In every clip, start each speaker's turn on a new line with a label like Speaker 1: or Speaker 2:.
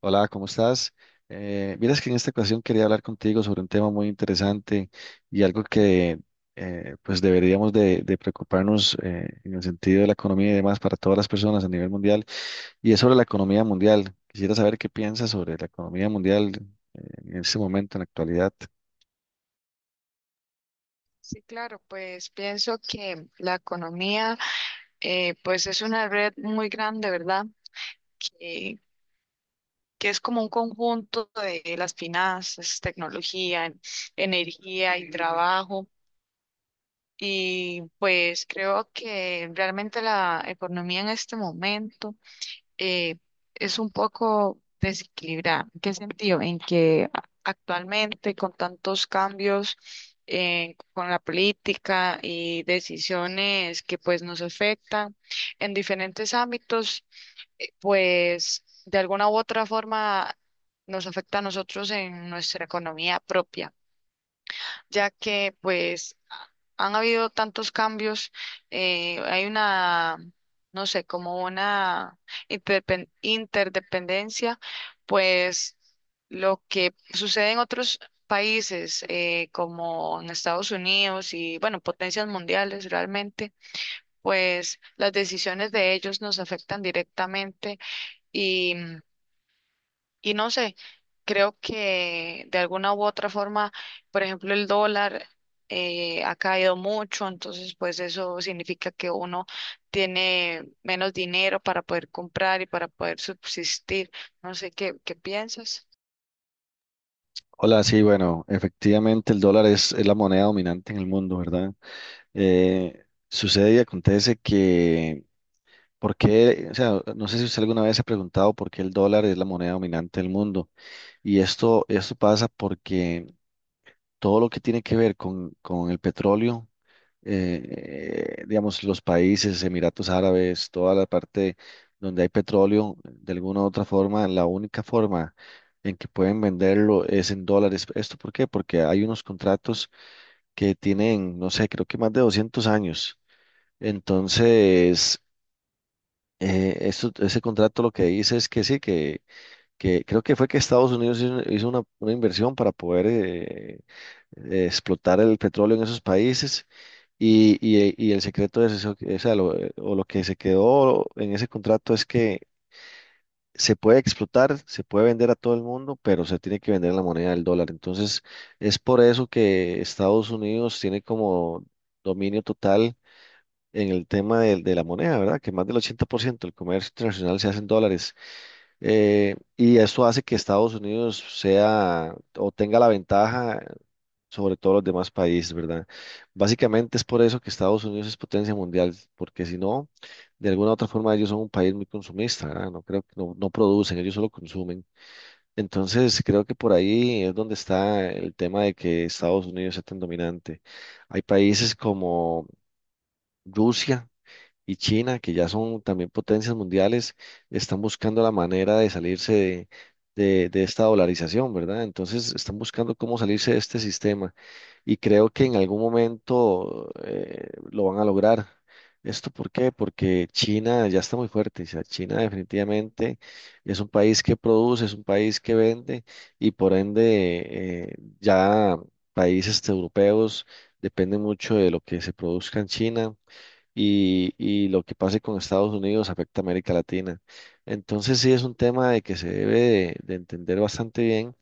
Speaker 1: Hola, ¿cómo estás? Vieras que en esta ocasión quería hablar contigo sobre un tema muy interesante y algo que pues deberíamos de preocuparnos, en el sentido de la economía y demás para todas las personas a nivel mundial, y es sobre la economía mundial. Quisiera saber qué piensas sobre la economía mundial eh, en este momento, en la actualidad.
Speaker 2: Sí, claro, pues pienso que la economía, pues es una red muy grande, ¿verdad? Que, que es como un conjunto de las finanzas, tecnología, energía y trabajo. Y pues creo que realmente la economía en este momento eh, es un poco desequilibrada. ¿En qué sentido? En que actualmente con tantos cambios, con la política y decisiones que pues nos afectan en diferentes ámbitos, pues de alguna u otra forma nos afecta a nosotros en nuestra economía propia, ya que pues han habido tantos cambios. Hay una, no sé, como una interdependencia, pues lo que sucede en otros países, como en Estados Unidos y, bueno, potencias mundiales realmente, pues las decisiones de ellos nos afectan directamente y, no sé, creo que de alguna u otra forma, por ejemplo, el dólar ha caído mucho. Entonces pues eso significa que uno tiene menos dinero para poder comprar y para poder subsistir. No sé qué, qué piensas.
Speaker 1: Hola, sí, bueno, efectivamente el dólar es la moneda dominante en el mundo, ¿verdad? Eh, Sucede y acontece que ¿por qué? O sea, no sé si usted alguna vez se ha preguntado por qué el dólar es la moneda dominante del mundo. Y esto pasa porque todo lo que tiene que ver con el petróleo, digamos, los países, Emiratos Árabes, toda la parte donde hay petróleo, de alguna u otra forma, la única forma en que pueden venderlo es en dólares. ¿Esto por qué? Porque hay unos contratos que tienen, no sé, creo que más de 200 años. Entonces, ese contrato lo que dice es que sí, que creo que fue que Estados Unidos hizo una inversión para poder explotar el petróleo en esos países y, y el secreto es eso, que, o sea, lo que se quedó en ese contrato es que se puede explotar, se puede vender a todo el mundo, pero se tiene que vender en la moneda del dólar. Entonces, es por eso que Estados Unidos tiene como dominio total en el tema de la moneda, ¿verdad? Que más del 80% del comercio internacional se hace en dólares, y esto hace que Estados Unidos sea o tenga la ventaja sobre todos los demás países, ¿verdad? Básicamente es por eso que Estados Unidos es potencia mundial, porque si no, de alguna u otra forma ellos son un país muy consumista, ¿verdad? No, creo que no, no producen, ellos solo consumen. Entonces, creo que por ahí es donde está el tema de que Estados Unidos sea tan dominante. Hay países como Rusia y China, que ya son también potencias mundiales, están buscando la manera de salirse de esta dolarización, ¿verdad? Entonces están buscando cómo salirse de este sistema y creo que en algún momento, lo van a lograr. ¿Esto por qué? Porque China ya está muy fuerte. O sea, China definitivamente es un país que produce, es un país que vende, y por ende, ya países este, europeos, dependen mucho de lo que se produzca en China, y lo que pase con Estados Unidos afecta a América Latina. Entonces sí es un tema de que se debe de entender bastante bien,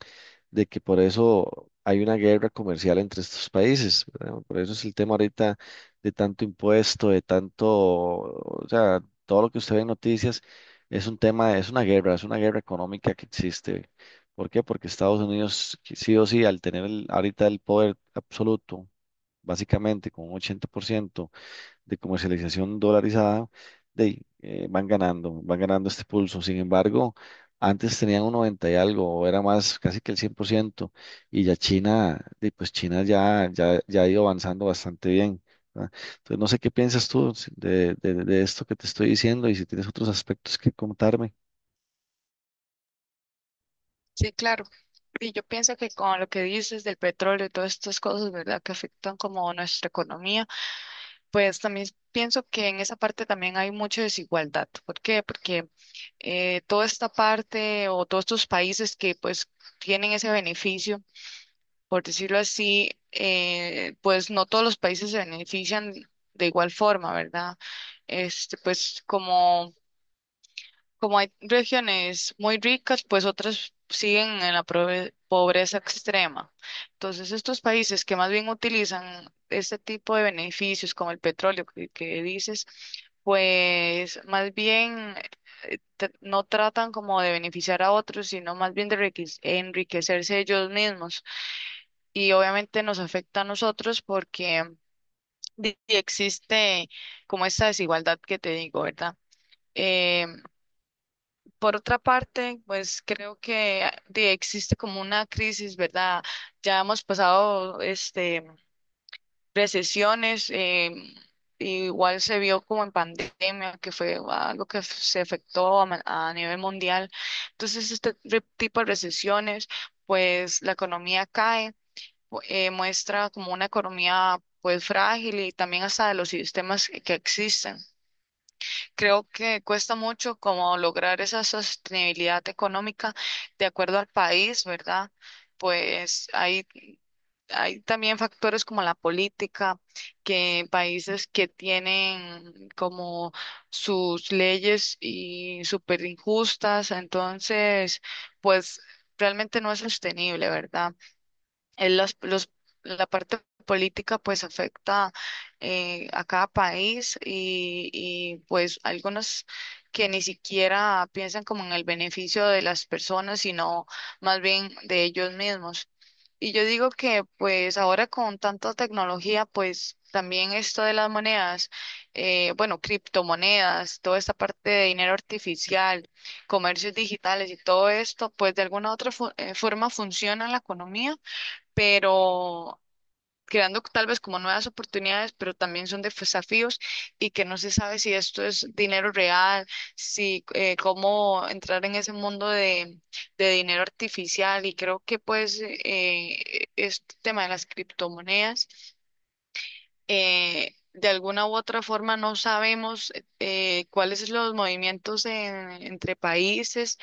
Speaker 1: de que por eso hay una guerra comercial entre estos países, ¿verdad? Por eso es el tema ahorita de tanto impuesto, de tanto, o sea, todo lo que usted ve en noticias es un tema, es una guerra económica que existe. ¿Por qué? Porque Estados Unidos sí o sí, al tener ahorita el poder absoluto, básicamente con un 80% de comercialización dolarizada, van ganando este pulso. Sin embargo, antes tenían un 90 y algo, o era más casi que el 100%, y ya China, de, pues China ya, ya, ya ha ido avanzando bastante bien. ¿Verdad? Entonces, no sé qué piensas tú si, de esto que te estoy diciendo y si tienes otros aspectos que contarme.
Speaker 2: Sí, claro. Y yo pienso que con lo que dices del petróleo y todas estas cosas, ¿verdad?, que afectan como nuestra economía, pues también pienso que en esa parte también hay mucha desigualdad. ¿Por qué? Porque toda esta parte o todos estos países que pues tienen ese beneficio, por decirlo así, pues no todos los países se benefician de igual forma, ¿verdad? Este, pues como como hay regiones muy ricas, pues otras siguen en la pobreza extrema. Entonces, estos países que más bien utilizan este tipo de beneficios, como el petróleo que dices, pues más bien, no tratan como de beneficiar a otros, sino más bien de enriquecerse ellos mismos. Y obviamente nos afecta a nosotros porque existe como esta desigualdad que te digo, ¿verdad? Eh, por otra parte, pues creo que existe como una crisis, ¿verdad? Ya hemos pasado este, recesiones. Igual se vio como en pandemia, que fue algo que se afectó a, a nivel mundial. Entonces, este tipo de recesiones, pues la economía cae, muestra como una economía pues frágil y también hasta de los sistemas que existen. Creo que cuesta mucho como lograr esa sostenibilidad económica de acuerdo al país, ¿verdad? Pues hay también factores como la política, que países que tienen como sus leyes y súper injustas. Entonces, pues realmente no es sostenible, ¿verdad? eh, los, los- la parte política pues afecta, a cada país, y pues algunos que ni siquiera piensan como en el beneficio de las personas, sino más bien de ellos mismos. Y yo digo que pues ahora con tanta tecnología, pues también esto de las monedas, bueno, criptomonedas, toda esta parte de dinero artificial, comercios digitales y todo esto, pues de alguna u otra forma funciona en la economía, pero creando tal vez como nuevas oportunidades, pero también son desafíos, y que no se sabe si esto es dinero real, si, cómo entrar en ese mundo de dinero artificial. Y creo que pues este tema de las criptomonedas, de alguna u otra forma no sabemos cuáles son los movimientos entre países,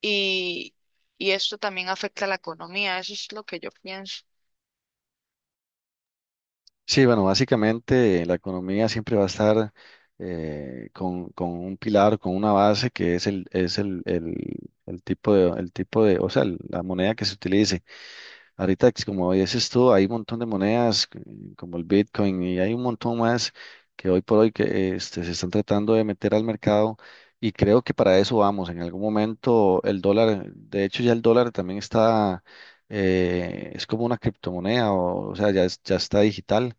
Speaker 2: y, y esto también afecta a la economía. Eso es lo que yo pienso.
Speaker 1: Sí, bueno, básicamente la economía siempre va a estar, con un pilar, con una base que es el tipo de, o sea, la moneda que se utilice. Ahorita, como dices tú, hay un montón de monedas, como el Bitcoin, y hay un montón más que hoy por hoy que se están tratando de meter al mercado, y creo que para eso vamos. En algún momento el dólar, de hecho ya el dólar también está, es como una criptomoneda, o sea, ya, ya está digital.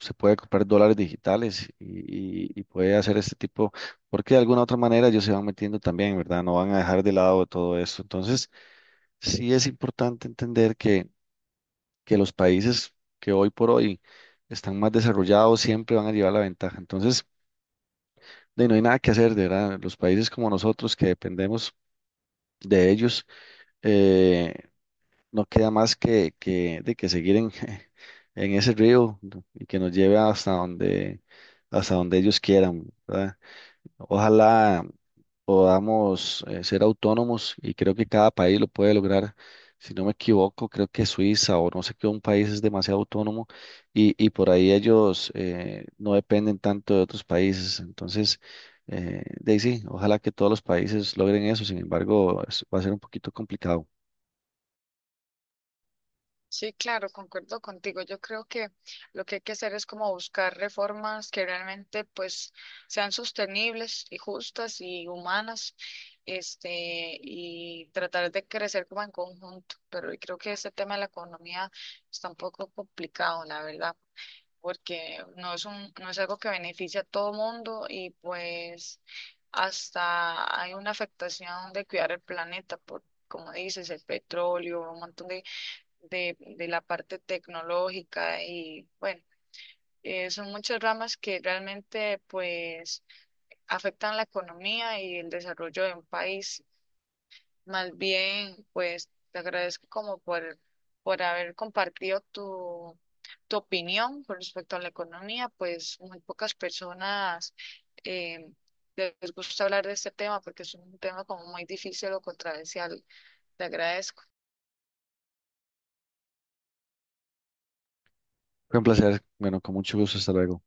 Speaker 1: Se puede comprar dólares digitales y, y puede hacer este tipo, porque de alguna otra manera ellos se van metiendo también, ¿verdad? No van a dejar de lado todo esto. Entonces, sí es importante entender que los países que hoy por hoy están más desarrollados siempre van a llevar la ventaja. Entonces, de, no hay nada que hacer, de verdad. Los países como nosotros que dependemos de ellos, eh, no queda más que, de que seguir en, en ese río, ¿no?, y que nos lleve hasta donde ellos quieran, ¿verdad? Ojalá podamos, ser autónomos, y creo que cada país lo puede lograr. Si no me equivoco, creo que Suiza o no sé qué, un país es demasiado autónomo, y por ahí ellos, no dependen tanto de otros países. Entonces, de ahí sí, ojalá que todos los países logren eso. Sin embargo, va a ser un poquito complicado.
Speaker 2: Sí, claro, concuerdo contigo. Yo creo que lo que hay que hacer es como buscar reformas que realmente pues sean sostenibles y justas y humanas, este, y tratar de crecer como en conjunto. Pero yo creo que este tema de la economía está un poco complicado, la verdad, porque no es un, no es algo que beneficia a todo mundo, y pues hasta hay una afectación de cuidar el planeta por, como dices, el petróleo, un montón de de la parte tecnológica. Y bueno, son muchas ramas que realmente pues afectan la economía y el desarrollo de un país. Más bien, pues te agradezco como por haber compartido tu, tu opinión con respecto a la economía. Pues muy pocas personas, eh, les gusta hablar de este tema porque es un tema como muy difícil o controversial. Te agradezco.
Speaker 1: Fue un placer. Bueno, con mucho gusto. Hasta luego.